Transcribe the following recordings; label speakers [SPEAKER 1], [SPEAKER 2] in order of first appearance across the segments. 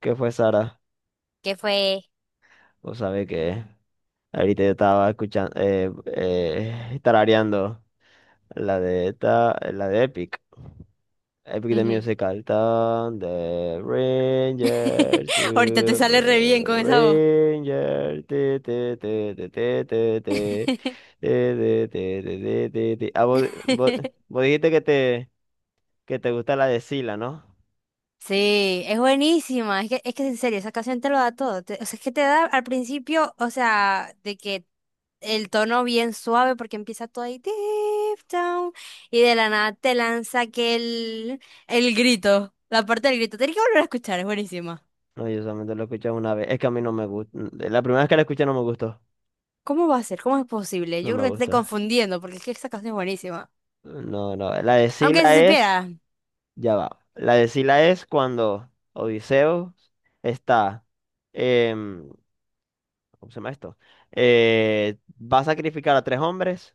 [SPEAKER 1] ¿Qué fue, Sara?
[SPEAKER 2] ¿Qué fue?
[SPEAKER 1] Vos sabés que ahorita yo estaba escuchando, tarareando la de la de Epic, Epic de
[SPEAKER 2] Ujú.
[SPEAKER 1] Musical. Tan de Ranger,
[SPEAKER 2] Ahorita te sale re bien con
[SPEAKER 1] Super
[SPEAKER 2] esa voz.
[SPEAKER 1] Ranger, te, te, te, te, te, te, te, te, te, te, te, te, te, te. Ah, vos dijiste que que te gusta la de Sila, ¿no?
[SPEAKER 2] Sí, es buenísima. Es que en serio, esa canción te lo da todo. O sea, es que te da al principio, o sea, de que el tono bien suave porque empieza todo ahí deep down y de la nada te lanza aquel el grito, la parte del grito. Tienes que volver a escuchar, es buenísima.
[SPEAKER 1] No, yo solamente lo escuché una vez. Es que a mí no me gusta. La primera vez que la escuché no me gustó.
[SPEAKER 2] ¿Cómo va a ser? ¿Cómo es posible?
[SPEAKER 1] No
[SPEAKER 2] Yo
[SPEAKER 1] me
[SPEAKER 2] creo que te estoy
[SPEAKER 1] gusta.
[SPEAKER 2] confundiendo porque es que esa canción es buenísima.
[SPEAKER 1] No, no. La de
[SPEAKER 2] Aunque si
[SPEAKER 1] Sila es,
[SPEAKER 2] supiera,
[SPEAKER 1] ya va. La de Sila es cuando Odiseo está, em, ¿cómo se llama esto? Va a sacrificar a tres hombres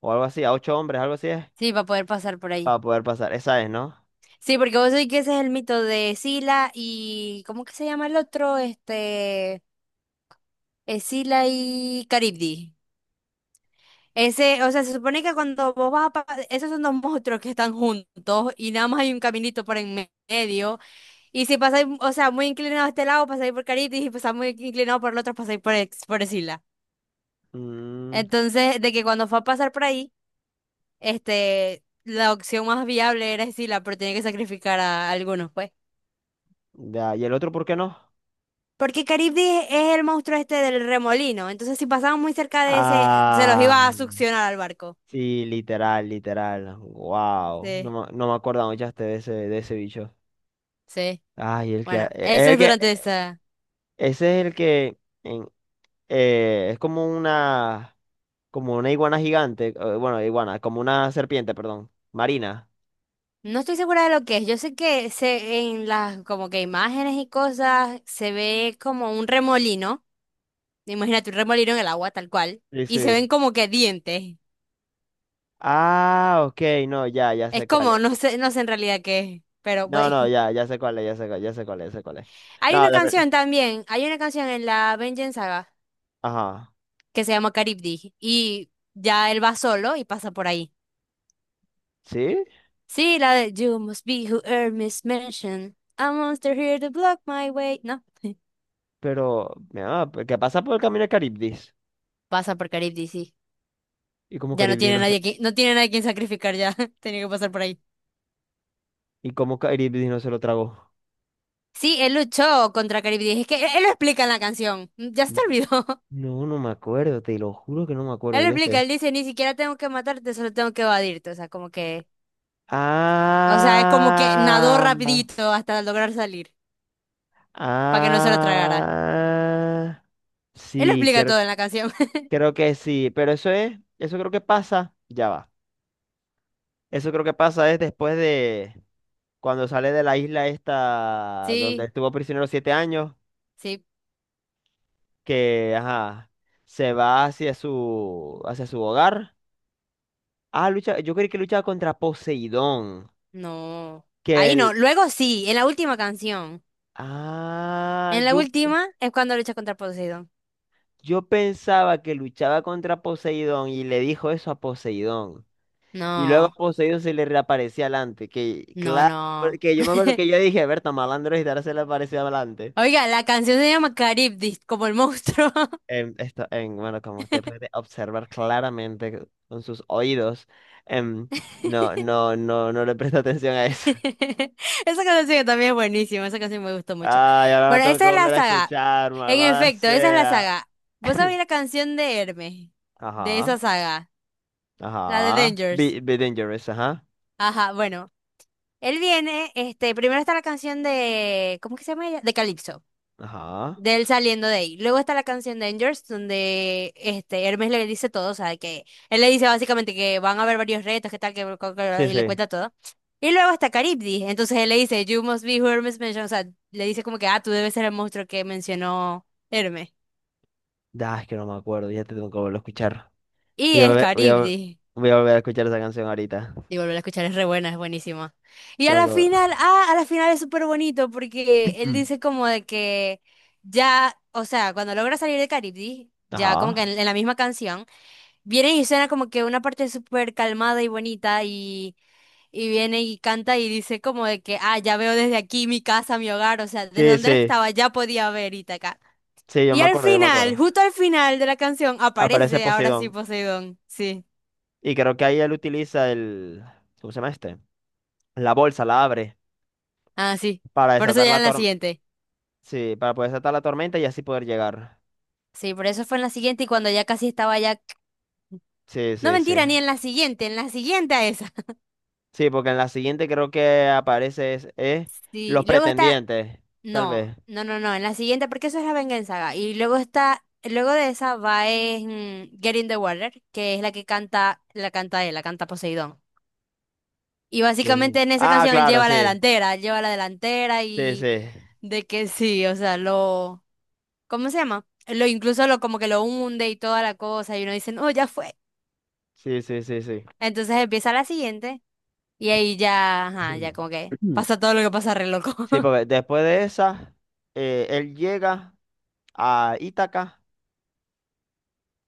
[SPEAKER 1] o algo así, a ocho hombres, algo así es,
[SPEAKER 2] sí, va a poder pasar por ahí.
[SPEAKER 1] para poder pasar. Esa es, ¿no?
[SPEAKER 2] Sí, porque vos sabés que ese es el mito de Sila y... ¿Cómo que se llama el otro? Este... Sila y Caribdi. Ese, o sea, se supone que cuando vos vas a... Esos son dos monstruos que están juntos y nada más hay un caminito por medio. Y si pasáis, o sea, muy inclinado a este lado, pasáis por Caribdi y si pasáis muy inclinado por el otro, pasáis por, por Sila.
[SPEAKER 1] Mm,
[SPEAKER 2] Entonces, de que cuando fue a pasar por ahí, este... La opción más viable era Sila, pero tenía que sacrificar a algunos, pues.
[SPEAKER 1] ya. ¿Y el otro por qué no?
[SPEAKER 2] Porque Caribdis es el monstruo este del remolino. Entonces, si pasaban muy cerca de ese, se los
[SPEAKER 1] Ah,
[SPEAKER 2] iba a succionar al barco.
[SPEAKER 1] sí, literal, literal. Wow.
[SPEAKER 2] Sí,
[SPEAKER 1] No me acuerdo mucho de de ese bicho.
[SPEAKER 2] sí.
[SPEAKER 1] Ay,
[SPEAKER 2] Bueno,
[SPEAKER 1] es
[SPEAKER 2] eso
[SPEAKER 1] el
[SPEAKER 2] es
[SPEAKER 1] que,
[SPEAKER 2] durante
[SPEAKER 1] e,
[SPEAKER 2] esa.
[SPEAKER 1] ese es el que. en- es como una iguana gigante, bueno, iguana, como una serpiente, perdón, marina.
[SPEAKER 2] No estoy segura de lo que es. Yo sé en las como que imágenes y cosas se ve como un remolino. Imagínate un remolino en el agua, tal cual.
[SPEAKER 1] Sí,
[SPEAKER 2] Y se
[SPEAKER 1] sí.
[SPEAKER 2] ven como que dientes.
[SPEAKER 1] Ah, ok, no, ya
[SPEAKER 2] Es
[SPEAKER 1] sé cuál
[SPEAKER 2] como,
[SPEAKER 1] es.
[SPEAKER 2] no sé, no sé en realidad qué es. Pero
[SPEAKER 1] No,
[SPEAKER 2] bueno.
[SPEAKER 1] no, ya sé cuál es, ya sé, ya sé cuál es, ya sé cuál es.
[SPEAKER 2] Hay
[SPEAKER 1] No,
[SPEAKER 2] una
[SPEAKER 1] la ver-
[SPEAKER 2] canción también. Hay una canción en la Vengeance Saga
[SPEAKER 1] Ajá.
[SPEAKER 2] que se llama Caribdi. Y ya él va solo y pasa por ahí.
[SPEAKER 1] ¿Sí?
[SPEAKER 2] Sí, la de You must be who Hermes mentioned. A monster here to block my way. No,
[SPEAKER 1] Pero mira, pues, ¿qué pasa por el camino de Caribdis?
[SPEAKER 2] pasa por Caribdi, sí.
[SPEAKER 1] Y
[SPEAKER 2] Ya no tiene nadie que, no tiene nadie quien sacrificar ya. Tenía que pasar por ahí.
[SPEAKER 1] Como Caribdis no se lo tragó.
[SPEAKER 2] Sí, él luchó contra Caribdi. Es que él lo explica en la canción. Ya se te
[SPEAKER 1] N-
[SPEAKER 2] olvidó.
[SPEAKER 1] No, no me acuerdo, te lo juro que no me
[SPEAKER 2] Él
[SPEAKER 1] acuerdo,
[SPEAKER 2] lo
[SPEAKER 1] ya
[SPEAKER 2] explica,
[SPEAKER 1] esté.
[SPEAKER 2] él dice, ni siquiera tengo que matarte, solo tengo que evadirte. O sea, como que, o sea, es como que nadó
[SPEAKER 1] Ah,
[SPEAKER 2] rapidito hasta lograr salir, para que no se lo tragara.
[SPEAKER 1] ah.
[SPEAKER 2] Él lo
[SPEAKER 1] Sí,
[SPEAKER 2] explica
[SPEAKER 1] creo,
[SPEAKER 2] todo en la canción.
[SPEAKER 1] creo que sí, pero eso creo que pasa, ya va. Eso creo que pasa es después de cuando sale de la isla esta donde
[SPEAKER 2] Sí,
[SPEAKER 1] estuvo prisionero 7 años,
[SPEAKER 2] sí.
[SPEAKER 1] que ajá, se va hacia hacia su hogar. Ah, lucha, yo creí que luchaba contra Poseidón,
[SPEAKER 2] No.
[SPEAKER 1] que
[SPEAKER 2] Ahí no.
[SPEAKER 1] el
[SPEAKER 2] Luego sí, en la última canción.
[SPEAKER 1] ah,
[SPEAKER 2] En la última es cuando lucha contra Poseidón.
[SPEAKER 1] yo pensaba que luchaba contra Poseidón y le dijo eso a Poseidón. Y luego
[SPEAKER 2] No,
[SPEAKER 1] poseído se le reaparecía adelante. Que
[SPEAKER 2] no,
[SPEAKER 1] claro,
[SPEAKER 2] no.
[SPEAKER 1] porque yo me acuerdo que yo dije: Berta, malandro y ahora se le aparecía adelante.
[SPEAKER 2] Oiga, la canción se llama Caribdis, como el monstruo.
[SPEAKER 1] Bueno, como usted puede observar claramente con sus oídos, em, no le presta atención a eso.
[SPEAKER 2] Esa canción también es buenísima, esa canción me gustó mucho.
[SPEAKER 1] Ay, ahora la
[SPEAKER 2] Bueno,
[SPEAKER 1] tengo que
[SPEAKER 2] esa es la
[SPEAKER 1] volver a
[SPEAKER 2] saga.
[SPEAKER 1] escuchar,
[SPEAKER 2] En
[SPEAKER 1] malvada
[SPEAKER 2] efecto, esa es la
[SPEAKER 1] sea.
[SPEAKER 2] saga. ¿Vos sabés la canción de Hermes? De esa
[SPEAKER 1] Ajá,
[SPEAKER 2] saga, la de
[SPEAKER 1] ajá.
[SPEAKER 2] Dangers.
[SPEAKER 1] Be, be dangerous, ajá.
[SPEAKER 2] Ajá, bueno. Él viene, este, primero está la canción de, ¿cómo que se llama ella? De Calypso.
[SPEAKER 1] Ajá.
[SPEAKER 2] De él saliendo de ahí. Luego está la canción Dangers, donde este Hermes le dice todo, o sea, que él le dice básicamente que van a haber varios retos, que tal,
[SPEAKER 1] Sí,
[SPEAKER 2] y le
[SPEAKER 1] sí.
[SPEAKER 2] cuenta todo. Y luego está Caribdi, entonces él le dice, You must be who Hermes mentioned, o sea, le dice como que, ah, tú debes ser el monstruo que mencionó Hermes.
[SPEAKER 1] Ah, es que no me acuerdo, ya te tengo que volver a escuchar.
[SPEAKER 2] Y
[SPEAKER 1] Voy a,
[SPEAKER 2] es
[SPEAKER 1] volver- voy a,
[SPEAKER 2] Caribdi.
[SPEAKER 1] voy a volver a escuchar esa canción ahorita.
[SPEAKER 2] Y volver a escuchar es re buena, es buenísima. Y a
[SPEAKER 1] Tengo
[SPEAKER 2] la
[SPEAKER 1] que volver.
[SPEAKER 2] final, ah, a la final es súper bonito porque él
[SPEAKER 1] Mm.
[SPEAKER 2] dice como de que ya, o sea, cuando logra salir de Caribdi, ya como que en
[SPEAKER 1] Ajá.
[SPEAKER 2] la misma canción. Viene y suena como que una parte súper calmada y bonita y viene y canta y dice como de que, ah, ya veo desde aquí mi casa, mi hogar, o sea, desde
[SPEAKER 1] Sí,
[SPEAKER 2] donde él
[SPEAKER 1] sí,
[SPEAKER 2] estaba ya podía ver Ítaca.
[SPEAKER 1] sí, yo
[SPEAKER 2] Y
[SPEAKER 1] me
[SPEAKER 2] al
[SPEAKER 1] acuerdo, yo me acuerdo.
[SPEAKER 2] final, justo al final de la canción,
[SPEAKER 1] Aparece
[SPEAKER 2] aparece ahora sí
[SPEAKER 1] Poseidón.
[SPEAKER 2] Poseidón. Sí,
[SPEAKER 1] Y creo que ahí él utiliza el… ¿Cómo se llama este? La bolsa, la abre
[SPEAKER 2] ah, sí.
[SPEAKER 1] para
[SPEAKER 2] Por eso
[SPEAKER 1] desatar
[SPEAKER 2] ya
[SPEAKER 1] la
[SPEAKER 2] en la
[SPEAKER 1] tormenta.
[SPEAKER 2] siguiente.
[SPEAKER 1] Sí, para poder desatar la tormenta y así poder llegar.
[SPEAKER 2] Sí, por eso fue en la siguiente y cuando ya casi estaba ya...
[SPEAKER 1] Sí,
[SPEAKER 2] No
[SPEAKER 1] sí, sí.
[SPEAKER 2] mentira, ni en la siguiente, en la siguiente a esa.
[SPEAKER 1] Sí, porque en la siguiente creo que es los
[SPEAKER 2] Sí, luego está
[SPEAKER 1] pretendientes, tal
[SPEAKER 2] No,
[SPEAKER 1] vez.
[SPEAKER 2] no, no, no. En la siguiente, porque eso es la venganza. Y luego está, luego de esa va es Get in the Water, que es la que canta, la canta él, la canta Poseidón. Y básicamente
[SPEAKER 1] ¿Quién?
[SPEAKER 2] en esa
[SPEAKER 1] Ah,
[SPEAKER 2] canción él
[SPEAKER 1] claro,
[SPEAKER 2] lleva la
[SPEAKER 1] sí.
[SPEAKER 2] delantera, él lleva la delantera
[SPEAKER 1] Sí,
[SPEAKER 2] y
[SPEAKER 1] sí.
[SPEAKER 2] de que sí, o sea, lo, ¿cómo se llama? Lo incluso lo como que lo hunde y toda la cosa y uno dice, no, ya fue.
[SPEAKER 1] Sí, sí, sí, sí.
[SPEAKER 2] Entonces empieza la siguiente y ahí ya, ajá, ya como que pasa todo lo que pasa re loco.
[SPEAKER 1] Sí, porque después de esa, él llega a Ítaca.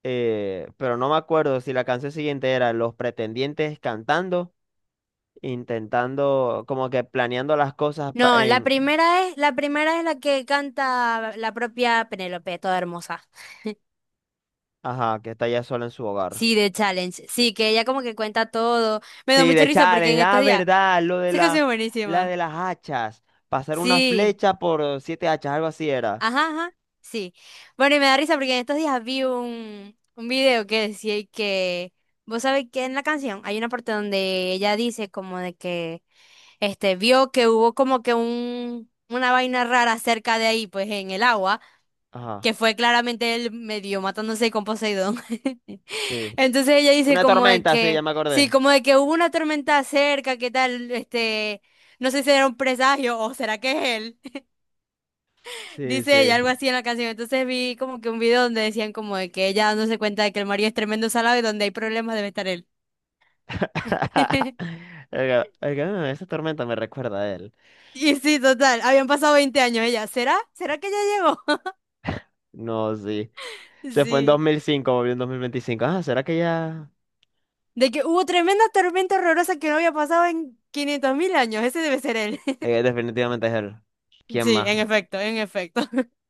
[SPEAKER 1] Pero no me acuerdo si la canción siguiente era Los pretendientes cantando, intentando, como que planeando las cosas
[SPEAKER 2] No, la primera es, la primera es la que canta la propia Penélope, toda hermosa.
[SPEAKER 1] ajá, que está ya sola en su hogar.
[SPEAKER 2] Sí, de Challenge. Sí, que ella como que cuenta todo. Me da
[SPEAKER 1] Sí,
[SPEAKER 2] mucha
[SPEAKER 1] de
[SPEAKER 2] risa porque
[SPEAKER 1] Challenge,
[SPEAKER 2] en
[SPEAKER 1] la
[SPEAKER 2] estos días
[SPEAKER 1] verdad,
[SPEAKER 2] se canción es
[SPEAKER 1] la
[SPEAKER 2] buenísima.
[SPEAKER 1] de las hachas, pasar una
[SPEAKER 2] Sí,
[SPEAKER 1] flecha por 7 hachas, algo así era.
[SPEAKER 2] ajá, ajá, sí. Bueno, y me da risa porque en estos días vi un video que decía y que, vos sabés que en la canción hay una parte donde ella dice como de que, este, vio que hubo como que una vaina rara cerca de ahí, pues en el agua.
[SPEAKER 1] Ajá,
[SPEAKER 2] Que fue claramente él medio matándose con Poseidón.
[SPEAKER 1] sí.
[SPEAKER 2] Entonces ella dice
[SPEAKER 1] Una
[SPEAKER 2] como de
[SPEAKER 1] tormenta, sí, ya
[SPEAKER 2] que,
[SPEAKER 1] me
[SPEAKER 2] sí,
[SPEAKER 1] acordé.
[SPEAKER 2] como de que hubo una tormenta cerca, ¿qué tal? Este, no sé si era un presagio o será que es él.
[SPEAKER 1] Sí,
[SPEAKER 2] Dice ella
[SPEAKER 1] sí.
[SPEAKER 2] algo así en la canción. Entonces vi como que un video donde decían como de que ella dándose cuenta de que el marido es tremendo salado y donde hay problemas debe estar él.
[SPEAKER 1] Oiga, oiga, "Ah, esa tormenta me recuerda a él".
[SPEAKER 2] Y sí, total, habían pasado 20 años ella. ¿Será? ¿Será que ya llegó?
[SPEAKER 1] No, sí. Se fue en dos
[SPEAKER 2] Sí.
[SPEAKER 1] mil cinco volvió en 2025. Ah, ¿será que ya…?
[SPEAKER 2] De que hubo tremenda tormenta horrorosa que no había pasado en 500.000 años. Ese debe ser él.
[SPEAKER 1] Definitivamente es él. ¿Quién
[SPEAKER 2] Sí,
[SPEAKER 1] más?
[SPEAKER 2] en efecto, en efecto.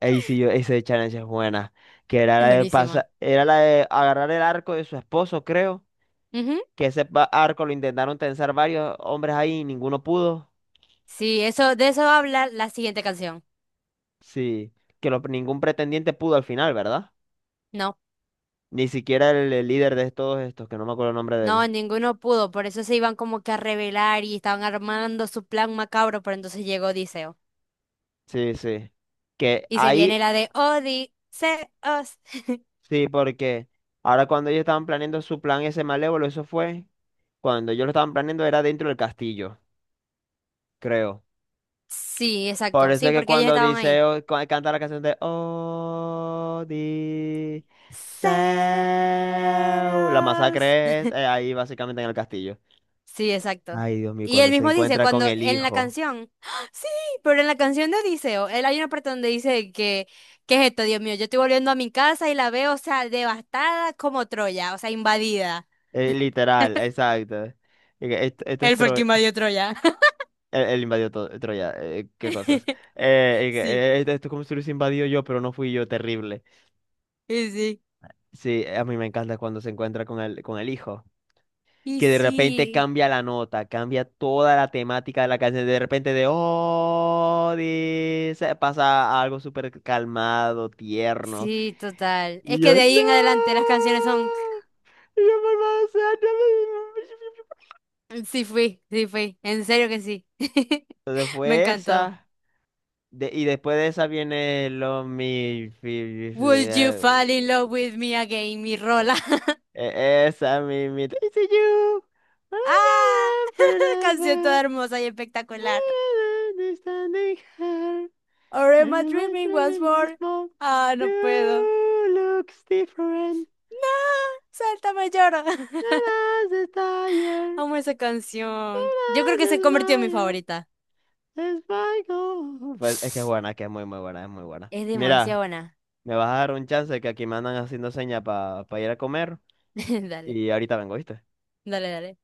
[SPEAKER 1] Ahí sí yo, ese challenge es buena. Que
[SPEAKER 2] Es buenísima.
[SPEAKER 1] era la de agarrar el arco de su esposo, creo.
[SPEAKER 2] Ujú.
[SPEAKER 1] Que ese arco lo intentaron tensar varios hombres ahí y ninguno pudo.
[SPEAKER 2] Sí, eso, de eso va a hablar la siguiente canción.
[SPEAKER 1] Sí, que ningún pretendiente pudo al final, ¿verdad?
[SPEAKER 2] No,
[SPEAKER 1] Ni siquiera el líder de todos estos, que no me acuerdo el nombre de él.
[SPEAKER 2] no, ninguno pudo, por eso se iban como que a revelar y estaban armando su plan macabro, pero entonces llegó Odiseo.
[SPEAKER 1] Sí, sí. Que
[SPEAKER 2] Y se viene
[SPEAKER 1] ahí,
[SPEAKER 2] la de Odiseos.
[SPEAKER 1] sí, porque ahora cuando ellos estaban planeando su plan ese malévolo, cuando ellos lo estaban planeando era dentro del castillo, creo.
[SPEAKER 2] Sí,
[SPEAKER 1] Por
[SPEAKER 2] exacto,
[SPEAKER 1] eso
[SPEAKER 2] sí,
[SPEAKER 1] es que
[SPEAKER 2] porque ellos
[SPEAKER 1] cuando
[SPEAKER 2] estaban ahí.
[SPEAKER 1] Odiseo canta la canción de Odiseo, la
[SPEAKER 2] Zeus.
[SPEAKER 1] masacre es ahí básicamente en el castillo.
[SPEAKER 2] Sí, exacto.
[SPEAKER 1] Ay, Dios mío,
[SPEAKER 2] Y
[SPEAKER 1] cuando
[SPEAKER 2] él
[SPEAKER 1] se
[SPEAKER 2] mismo dice,
[SPEAKER 1] encuentra con
[SPEAKER 2] cuando
[SPEAKER 1] el
[SPEAKER 2] en la
[SPEAKER 1] hijo.
[SPEAKER 2] canción, ¡Ah! Sí, pero en la canción de Odiseo, él hay una parte donde dice que, ¿qué es esto, Dios mío? Yo estoy volviendo a mi casa y la veo, o sea, devastada como Troya, o sea, invadida.
[SPEAKER 1] Literal, exacto. Y que esto es
[SPEAKER 2] Él fue el que
[SPEAKER 1] Troya.
[SPEAKER 2] invadió Troya.
[SPEAKER 1] Él invadió Troya. Eh, qué cosas.
[SPEAKER 2] Sí,
[SPEAKER 1] Esto, esto es como si lo hubiese invadido yo, pero no fui yo. Terrible.
[SPEAKER 2] y sí.
[SPEAKER 1] Sí, a mí me encanta cuando se encuentra con con el hijo.
[SPEAKER 2] Y
[SPEAKER 1] Que de repente
[SPEAKER 2] sí,
[SPEAKER 1] cambia la nota, cambia toda la temática de la canción, de repente de oh, dice, pasa a algo súper calmado, tierno.
[SPEAKER 2] sí, total. Es
[SPEAKER 1] Y
[SPEAKER 2] que
[SPEAKER 1] yo,
[SPEAKER 2] de
[SPEAKER 1] no,
[SPEAKER 2] ahí en adelante las canciones son,
[SPEAKER 1] Por favor, sea, no me-
[SPEAKER 2] sí fui, en serio que sí.
[SPEAKER 1] entonces
[SPEAKER 2] Me
[SPEAKER 1] fue
[SPEAKER 2] encantó.
[SPEAKER 1] esa. Y después de esa viene lo mi. Fi- fi-
[SPEAKER 2] Would you fall in love with me again, mi rola?
[SPEAKER 1] eh, esa, mi Daisy You.
[SPEAKER 2] Ah,
[SPEAKER 1] I am
[SPEAKER 2] canción toda
[SPEAKER 1] pretty,
[SPEAKER 2] hermosa y espectacular.
[SPEAKER 1] I am understanding her.
[SPEAKER 2] Or am I
[SPEAKER 1] And my
[SPEAKER 2] dreaming
[SPEAKER 1] dream
[SPEAKER 2] once
[SPEAKER 1] in my
[SPEAKER 2] more?
[SPEAKER 1] small.
[SPEAKER 2] Ah, no puedo.
[SPEAKER 1] You looks different.
[SPEAKER 2] No, sáltame, lloro.
[SPEAKER 1] And as a tire,
[SPEAKER 2] Amo esa canción. Yo creo
[SPEAKER 1] and
[SPEAKER 2] que
[SPEAKER 1] as
[SPEAKER 2] se convirtió en mi
[SPEAKER 1] smile,
[SPEAKER 2] favorita.
[SPEAKER 1] as my goal. Pues es que es buena, que es muy, muy buena, es muy buena.
[SPEAKER 2] Es
[SPEAKER 1] Mira,
[SPEAKER 2] demasiado buena.
[SPEAKER 1] me vas a dar un chance que aquí me andan haciendo seña para ir a comer
[SPEAKER 2] Dale,
[SPEAKER 1] y ahorita vengo, ¿viste?
[SPEAKER 2] dale, dale.